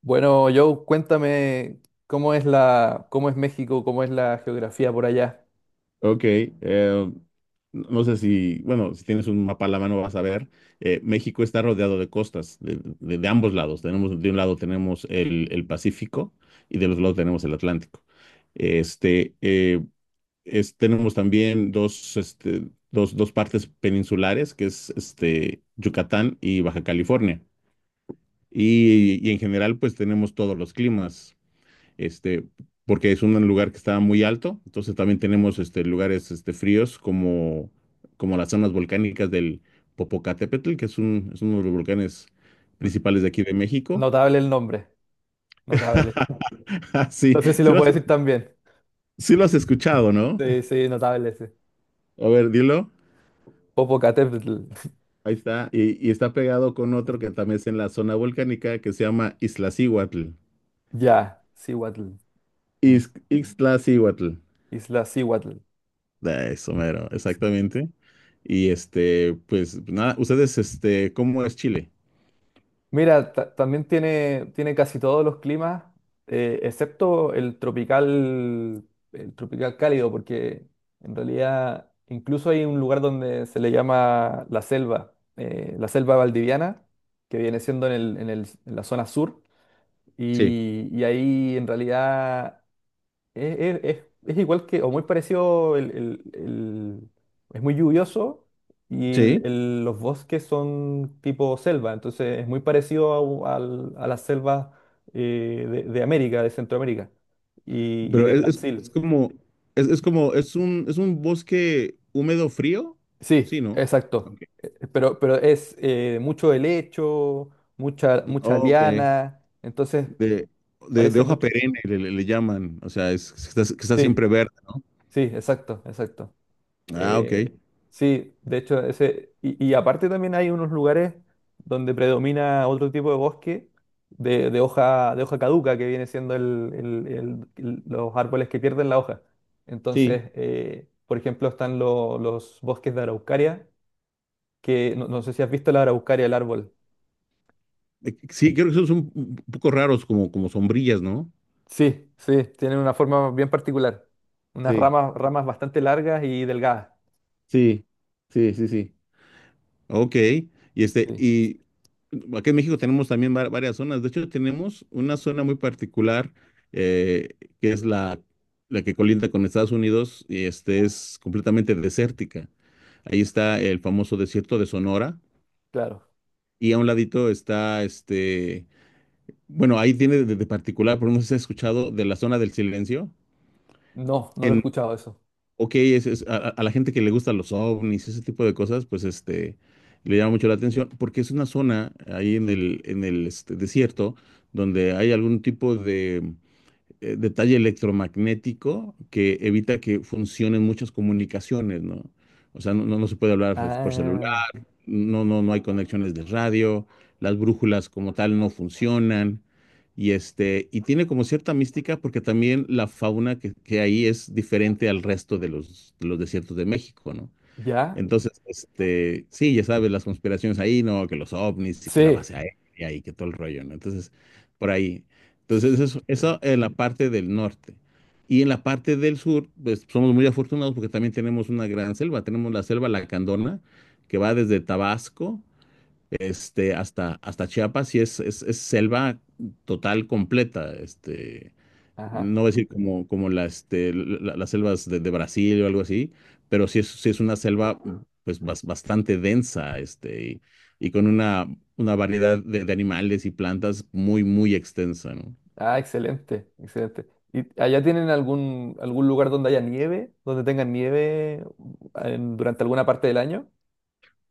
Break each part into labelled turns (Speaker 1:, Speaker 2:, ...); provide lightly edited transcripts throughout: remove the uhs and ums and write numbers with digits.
Speaker 1: Bueno, Joe, cuéntame cómo es cómo es México, cómo es la geografía por allá.
Speaker 2: Ok, eh, no sé si, bueno, si tienes un mapa a la mano vas a ver, México está rodeado de costas, de ambos lados. Tenemos, de un lado tenemos el Pacífico y del otro lado tenemos el Atlántico. Este, eh, Tenemos también dos, dos partes peninsulares, que es Yucatán y Baja California. Y en general, pues tenemos todos los climas este, porque es un lugar que está muy alto, entonces también tenemos lugares fríos como las zonas volcánicas del Popocatépetl, es uno de los volcanes
Speaker 1: N-
Speaker 2: principales de aquí de México.
Speaker 1: Notable el nombre, notable.
Speaker 2: Sí,
Speaker 1: No sé si
Speaker 2: sí
Speaker 1: lo
Speaker 2: lo has,
Speaker 1: puedo decir también.
Speaker 2: sí lo has escuchado, ¿no?
Speaker 1: Sí, sí, notable, sí.
Speaker 2: A ver, dilo.
Speaker 1: Popocatépetl.
Speaker 2: Ahí está. Y está pegado con otro que también es en la zona volcánica que se llama Iztaccíhuatl.
Speaker 1: Ya, Cihuatl. Mm.
Speaker 2: Iztaccíhuatl.
Speaker 1: Isla Cihuatl.
Speaker 2: Ah, eso, mero, exactamente. Y pues nada, ustedes, ¿cómo es Chile?
Speaker 1: Mira, también tiene, tiene casi todos los climas, excepto el tropical cálido, porque en realidad incluso hay un lugar donde se le llama la selva valdiviana, que viene siendo en la zona sur,
Speaker 2: Sí,
Speaker 1: y ahí en realidad es igual que, o muy parecido, es muy lluvioso y
Speaker 2: sí,
Speaker 1: los bosques son tipo selva, entonces es muy parecido a, a las selvas de América, de Centroamérica y
Speaker 2: pero
Speaker 1: de
Speaker 2: es
Speaker 1: Brasil.
Speaker 2: como, es un bosque húmedo frío, sí,
Speaker 1: Sí,
Speaker 2: ¿no?
Speaker 1: exacto.
Speaker 2: Ok.
Speaker 1: Pero es mucho helecho, mucha, mucha
Speaker 2: Ok.
Speaker 1: liana, entonces
Speaker 2: De, de
Speaker 1: parece
Speaker 2: hoja
Speaker 1: mucho.
Speaker 2: perenne le llaman, o sea, que está siempre
Speaker 1: Sí,
Speaker 2: verde, ¿no?
Speaker 1: sí, exacto, exacto.
Speaker 2: Ah, ok.
Speaker 1: Eh, sí, de hecho, ese, y aparte también hay unos lugares donde predomina otro tipo de bosque de hoja caduca, que viene siendo los árboles que pierden la hoja.
Speaker 2: Sí.
Speaker 1: Entonces, por ejemplo, están los bosques de araucaria, que no, no sé si has visto la araucaria, el árbol.
Speaker 2: Sí, creo que son un poco raros como sombrillas, ¿no?
Speaker 1: Sí, sí, tienen una forma bien particular, unas
Speaker 2: Sí,
Speaker 1: ramas, ramas bastante largas y delgadas.
Speaker 2: sí, sí, sí, sí. Ok, este,
Speaker 1: Sí,
Speaker 2: y aquí en México tenemos también varias zonas. De hecho, tenemos una zona muy particular, eh, que es la que colinda con Estados Unidos y este es completamente desértica. Ahí está el famoso desierto de Sonora
Speaker 1: claro.
Speaker 2: y a un ladito está bueno, ahí tiene de particular, por no sé si has escuchado de la zona del silencio.
Speaker 1: No, no lo he escuchado eso.
Speaker 2: Ok, a la gente que le gustan los ovnis, ese tipo de cosas, pues le llama mucho la atención, porque es una zona ahí en el desierto donde hay algún tipo de detalle electromagnético que evita que funcionen muchas comunicaciones, ¿no? O sea, no se puede hablar por celular,
Speaker 1: Ah,
Speaker 2: no hay conexiones de radio, las brújulas como tal no funcionan. Y y tiene como cierta mística porque también la fauna que hay es diferente al resto de de los desiertos de México, ¿no?
Speaker 1: ¿ya?
Speaker 2: Entonces, sí, ya sabes, las conspiraciones ahí, ¿no? Que los ovnis y que la
Speaker 1: Sí.
Speaker 2: base aérea y que todo el rollo, ¿no? Entonces, por ahí. Entonces, eso,
Speaker 1: Sí.
Speaker 2: eso en la parte del norte. Y en la parte del sur, pues somos muy afortunados porque también tenemos una gran selva. Tenemos la selva Lacandona, que va desde Tabasco, hasta Chiapas y es selva total, completa,
Speaker 1: Ajá.
Speaker 2: no voy a decir como, como la, este, la- las selvas de Brasil o algo así, pero sí es una selva pues bastante densa, y con una variedad de animales y plantas muy, muy extensa, ¿no?
Speaker 1: Ah, excelente, excelente. ¿Y allá tienen algún, algún lugar donde haya nieve, donde tengan nieve durante alguna parte del año?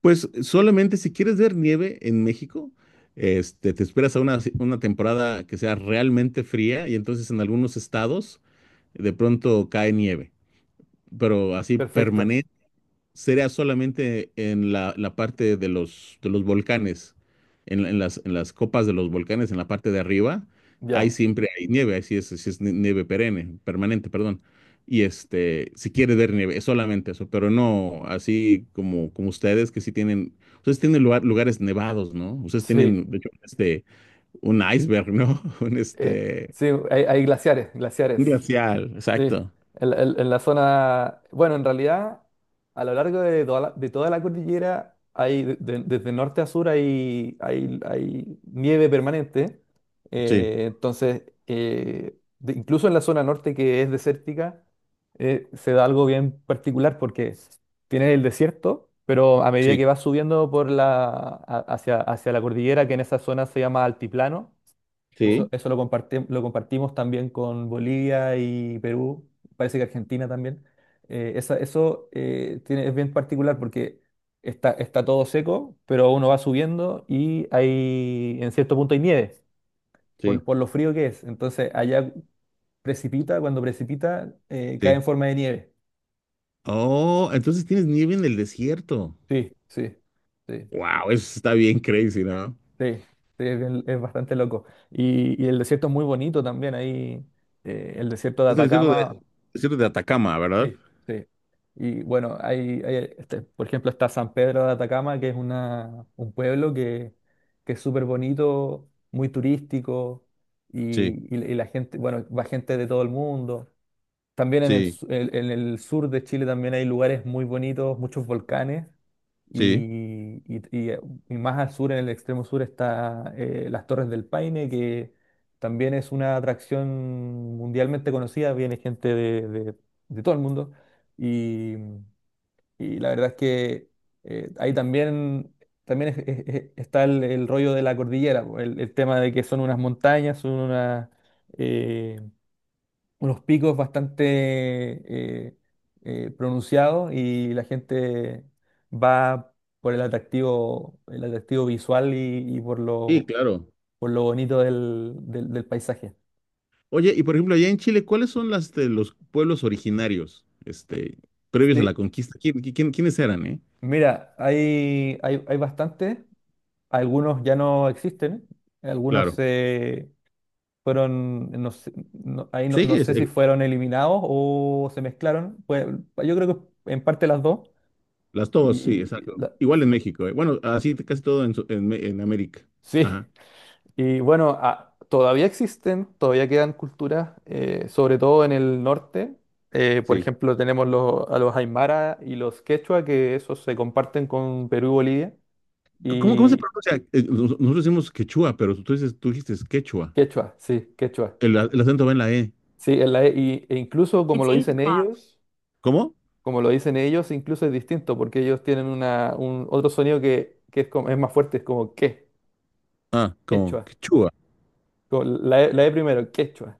Speaker 2: Pues solamente si quieres ver nieve en México, te esperas a una temporada que sea realmente fría y entonces en algunos estados de pronto cae nieve, pero así
Speaker 1: Perfecto.
Speaker 2: permanente sería solamente en la parte de de los volcanes, en las copas de los volcanes, en la parte de arriba, ahí
Speaker 1: Ya.
Speaker 2: siempre hay nieve, ahí sí es nieve perenne, permanente, perdón. Y si quieres ver nieve, es solamente eso, pero no así como, como ustedes que sí tienen, ustedes tienen lugares nevados, ¿no? Ustedes
Speaker 1: Sí.
Speaker 2: tienen, de hecho, un iceberg, ¿no? Un
Speaker 1: Eh, sí, hay, hay glaciares,
Speaker 2: un
Speaker 1: glaciares.
Speaker 2: glacial,
Speaker 1: Sí,
Speaker 2: exacto.
Speaker 1: en, en la zona, bueno, en realidad, a lo largo de toda la cordillera, hay, desde norte a sur hay, hay, hay nieve permanente.
Speaker 2: Sí,
Speaker 1: Entonces, incluso en la zona norte que es desértica, se da algo bien particular porque tienes el desierto, pero a medida
Speaker 2: sí,
Speaker 1: que vas subiendo por hacia, hacia la cordillera, que en esa zona se llama altiplano, eso,
Speaker 2: sí,
Speaker 1: eso lo compartimos también con Bolivia y Perú, parece que Argentina también. Eso tiene, es bien particular porque está, está todo seco, pero uno va subiendo y hay, en cierto punto hay nieve,
Speaker 2: sí,
Speaker 1: por lo frío que es. Entonces allá precipita, cuando precipita, cae
Speaker 2: sí.
Speaker 1: en forma de nieve.
Speaker 2: Oh, entonces tienes nieve en el desierto.
Speaker 1: Sí, sí, sí, sí,
Speaker 2: Wow, eso está bien crazy, ¿no?
Speaker 1: sí, es, es bastante loco. Y el desierto es muy bonito también, ahí el desierto de
Speaker 2: Es el
Speaker 1: Atacama.
Speaker 2: desierto de Atacama, ¿verdad?
Speaker 1: Sí, sí. Y bueno, hay, este, por ejemplo, está San Pedro de Atacama, que es una, un pueblo que es súper bonito, muy turístico,
Speaker 2: Sí,
Speaker 1: y, y la gente, bueno, va gente de todo el mundo. También en el,
Speaker 2: sí,
Speaker 1: en el sur de Chile también hay lugares muy bonitos, muchos volcanes
Speaker 2: sí.
Speaker 1: y, y más al sur, en el extremo sur, está las Torres del Paine, que también es una atracción mundialmente conocida, viene gente de, de todo el mundo. Y, y la verdad es que ahí también, también está el rollo de la cordillera, po, el tema de que son unas montañas, son unas eh, unos picos bastante eh, pronunciados y la gente va por el atractivo visual y
Speaker 2: Sí, claro.
Speaker 1: por lo bonito del, del paisaje.
Speaker 2: Oye, y por ejemplo, allá en Chile, ¿cuáles son las de los pueblos originarios, previos a la
Speaker 1: Sí,
Speaker 2: conquista? ¿ Quiénes eran, eh?
Speaker 1: mira, hay bastantes, algunos ya no existen, algunos
Speaker 2: Claro.
Speaker 1: se fueron, no sé, no, ahí no,
Speaker 2: Sí,
Speaker 1: no sé si fueron eliminados o se mezclaron, pues yo creo que en parte las dos.
Speaker 2: sí, exacto.
Speaker 1: Y la-
Speaker 2: Igual en México, eh. Bueno, así casi todo en, su- en, Me- en América.
Speaker 1: sí,
Speaker 2: Ajá.
Speaker 1: y bueno, todavía existen, todavía quedan culturas, sobre todo en el norte. Por
Speaker 2: Sí.
Speaker 1: ejemplo, tenemos los, a los Aymara y los Quechua, que esos se comparten con Perú y Bolivia.
Speaker 2: ¿Cómo, cómo se
Speaker 1: Y
Speaker 2: pronuncia? Nosotros decimos quechua, pero tú dices, tú dijiste quechua.
Speaker 1: Quechua.
Speaker 2: El, el acento va en la E.
Speaker 1: Sí, en la, e incluso como
Speaker 2: It's
Speaker 1: lo
Speaker 2: eight
Speaker 1: dicen
Speaker 2: o'clock.
Speaker 1: ellos,
Speaker 2: ¿Cómo?
Speaker 1: como lo dicen ellos, incluso es distinto, porque ellos tienen una, un, otro sonido que es, es más fuerte, es como que,
Speaker 2: Ah, como
Speaker 1: Quechua.
Speaker 2: quechua.
Speaker 1: Como la, la E primero, Quechua.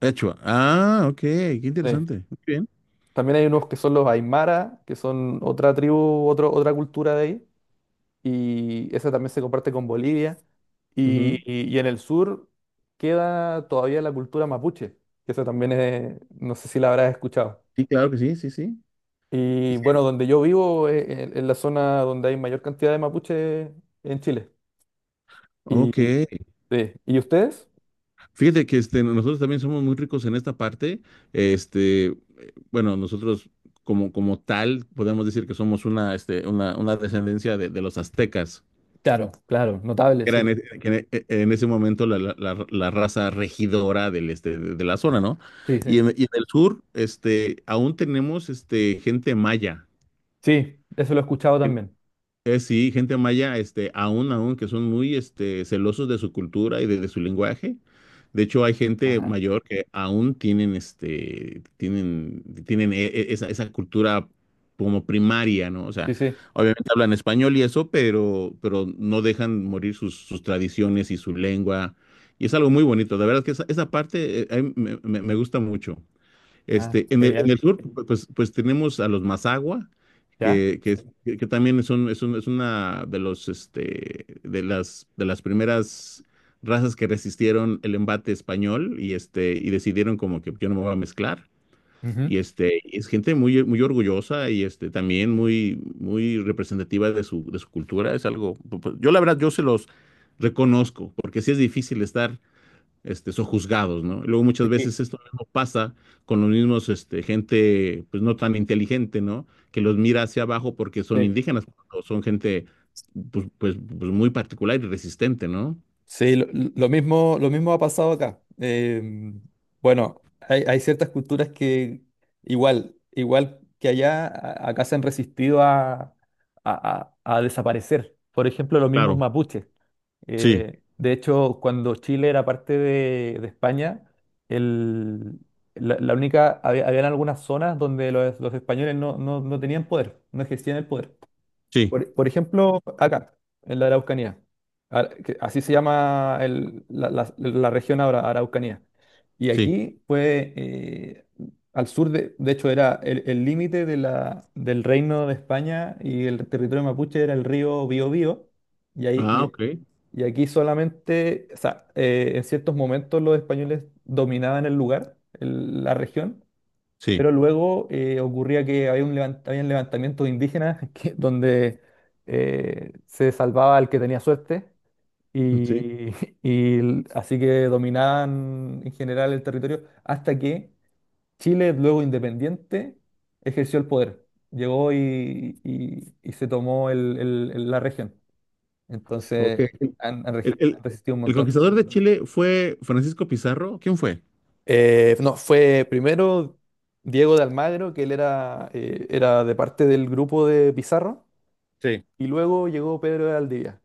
Speaker 2: Quechua. Ah, ok, qué
Speaker 1: Sí.
Speaker 2: interesante. Muy bien.
Speaker 1: También hay unos que son los Aymara, que son otra tribu, otro, otra cultura de ahí, y esa también se comparte con Bolivia. Y,
Speaker 2: Ujú.
Speaker 1: y en el sur queda todavía la cultura mapuche, que esa también es, no sé si la habrás escuchado.
Speaker 2: Sí, claro que sí, sí, sí.
Speaker 1: Y bueno, donde yo vivo es, es la zona donde hay mayor cantidad de mapuche en Chile. ¿Y,
Speaker 2: Ok,
Speaker 1: sí. ¿Y ustedes?
Speaker 2: fíjate que nosotros también somos muy ricos en esta parte. Bueno, nosotros como, como tal podemos decir que somos una, una descendencia de los aztecas,
Speaker 1: Claro, claro, notable,
Speaker 2: que eran
Speaker 1: sí.
Speaker 2: en, e- que en e- en ese momento la raza regidora del, de la zona, ¿no?
Speaker 1: Sí, sí.
Speaker 2: Y en el sur, aún tenemos gente maya.
Speaker 1: Sí, eso lo he escuchado también.
Speaker 2: Sí, gente maya, aún, que son muy, celosos de su cultura y de su lenguaje. De hecho, hay gente
Speaker 1: Ajá.
Speaker 2: mayor que aún tienen, tienen esa cultura como primaria, ¿no? O sea,
Speaker 1: Sí, sí.
Speaker 2: obviamente hablan español y eso, pero no dejan morir sus, sus tradiciones y su lengua. Y es algo muy bonito. De verdad que esa parte, a mí me gusta mucho.
Speaker 1: Ah, genial.
Speaker 2: En el sur, pues, pues tenemos a los Mazagua,
Speaker 1: ¿Ya?
Speaker 2: que también son, es una de los, de las primeras razas que resistieron el embate español y, y decidieron como que yo no me voy a mezclar.
Speaker 1: Ujú.
Speaker 2: Y y es gente muy, muy orgullosa y también muy, muy representativa de su cultura. Es algo, yo la verdad, yo se los reconozco, porque sí es difícil estar son juzgados, ¿no? Luego muchas
Speaker 1: Sí.
Speaker 2: veces esto mismo pasa con los mismos, gente, pues no tan inteligente, ¿no? Que los mira hacia abajo porque son
Speaker 1: Sí,
Speaker 2: indígenas, o son gente, pues, pues, pues muy particular y resistente, ¿no?
Speaker 1: Sí, lo mismo ha pasado acá. Bueno, hay, hay ciertas culturas que igual, igual que allá, acá se han resistido a, a desaparecer. Por ejemplo, los mismos
Speaker 2: Claro,
Speaker 1: mapuches.
Speaker 2: sí,
Speaker 1: De hecho, cuando Chile era parte de España, el- la, la única, había, habían algunas zonas donde los españoles no, no tenían poder, no ejercían el poder.
Speaker 2: sí,
Speaker 1: Por ejemplo, acá, en la Araucanía. Que así se llama la, la región ahora, Araucanía. Y
Speaker 2: sí,
Speaker 1: aquí fue al sur, de hecho, era el límite de del reino de España y el territorio mapuche era el río Biobío. Y, ahí,
Speaker 2: ah, ok,
Speaker 1: y aquí solamente, o sea, en ciertos momentos los españoles dominaban el lugar, la región,
Speaker 2: sí.
Speaker 1: pero luego ocurría que había un habían levantamientos indígenas donde se salvaba el que tenía suerte
Speaker 2: Sí,
Speaker 1: y, así que dominaban en general el territorio hasta que Chile, luego independiente, ejerció el poder. Llegó y, y se tomó la región.
Speaker 2: ok.
Speaker 1: Entonces han,
Speaker 2: El,
Speaker 1: han
Speaker 2: el-
Speaker 1: resistido un
Speaker 2: el
Speaker 1: montón.
Speaker 2: conquistador de Chile fue Francisco Pizarro. ¿Quién fue?
Speaker 1: No, fue primero Diego de Almagro, que él era, era de parte del grupo de Pizarro,
Speaker 2: Sí.
Speaker 1: y luego llegó Pedro de Aldivia,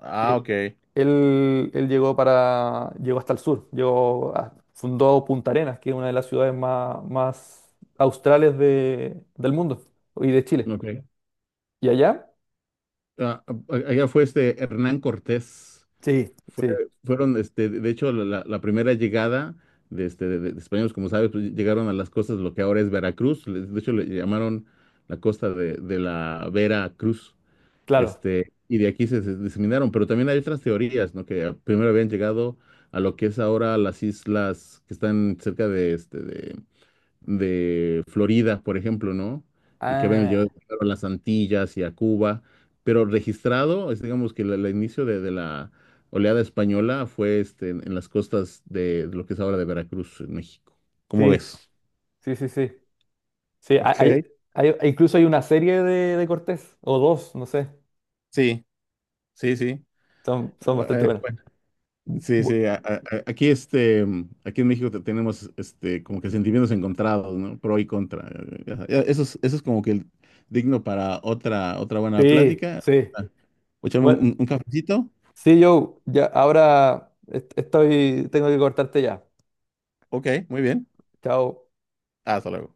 Speaker 2: Ah,
Speaker 1: que
Speaker 2: ok.
Speaker 1: él llegó para, llegó hasta el sur, fundó Punta Arenas, que es una de las ciudades más, más australes del mundo y de Chile.
Speaker 2: Ok.
Speaker 1: ¿Y allá?
Speaker 2: Ah, ah, allá fue este Hernán Cortés.
Speaker 1: Sí,
Speaker 2: Fue-
Speaker 1: sí,
Speaker 2: Fueron, de hecho, la primera llegada de, de españoles, como sabes, pues, llegaron a las costas de lo que ahora es Veracruz. De hecho, le llamaron la costa de la Vera Cruz.
Speaker 1: claro.
Speaker 2: Y de aquí se, se diseminaron. Pero también hay otras teorías, ¿no? Que primero habían llegado a lo que es ahora las islas que están cerca de, de Florida, por ejemplo, ¿no? Y que ven, yo
Speaker 1: Ah,
Speaker 2: claro, a las Antillas y a Cuba, pero registrado, es, digamos que el inicio de la oleada española fue en las costas de lo que es ahora de Veracruz, en México. ¿Cómo
Speaker 1: sí,
Speaker 2: ves?
Speaker 1: sí, sí, sí. Sí, hay,
Speaker 2: Ok.
Speaker 1: incluso hay una serie de Cortés, o dos, no sé.
Speaker 2: Sí, sí, sí.
Speaker 1: Son, son bastante buenas.
Speaker 2: Bueno, sí,
Speaker 1: Bu-
Speaker 2: sí, aquí, aquí en México tenemos como que sentimientos encontrados, ¿no? Pro y contra. Eso es como que digno para otra, otra buena
Speaker 1: sí,
Speaker 2: plática.
Speaker 1: sí.
Speaker 2: Ah, Echame
Speaker 1: Bueno,
Speaker 2: un cafecito.
Speaker 1: sí, yo ya ahora estoy, tengo que cortarte ya.
Speaker 2: Ok, muy bien.
Speaker 1: Chao.
Speaker 2: Hasta luego.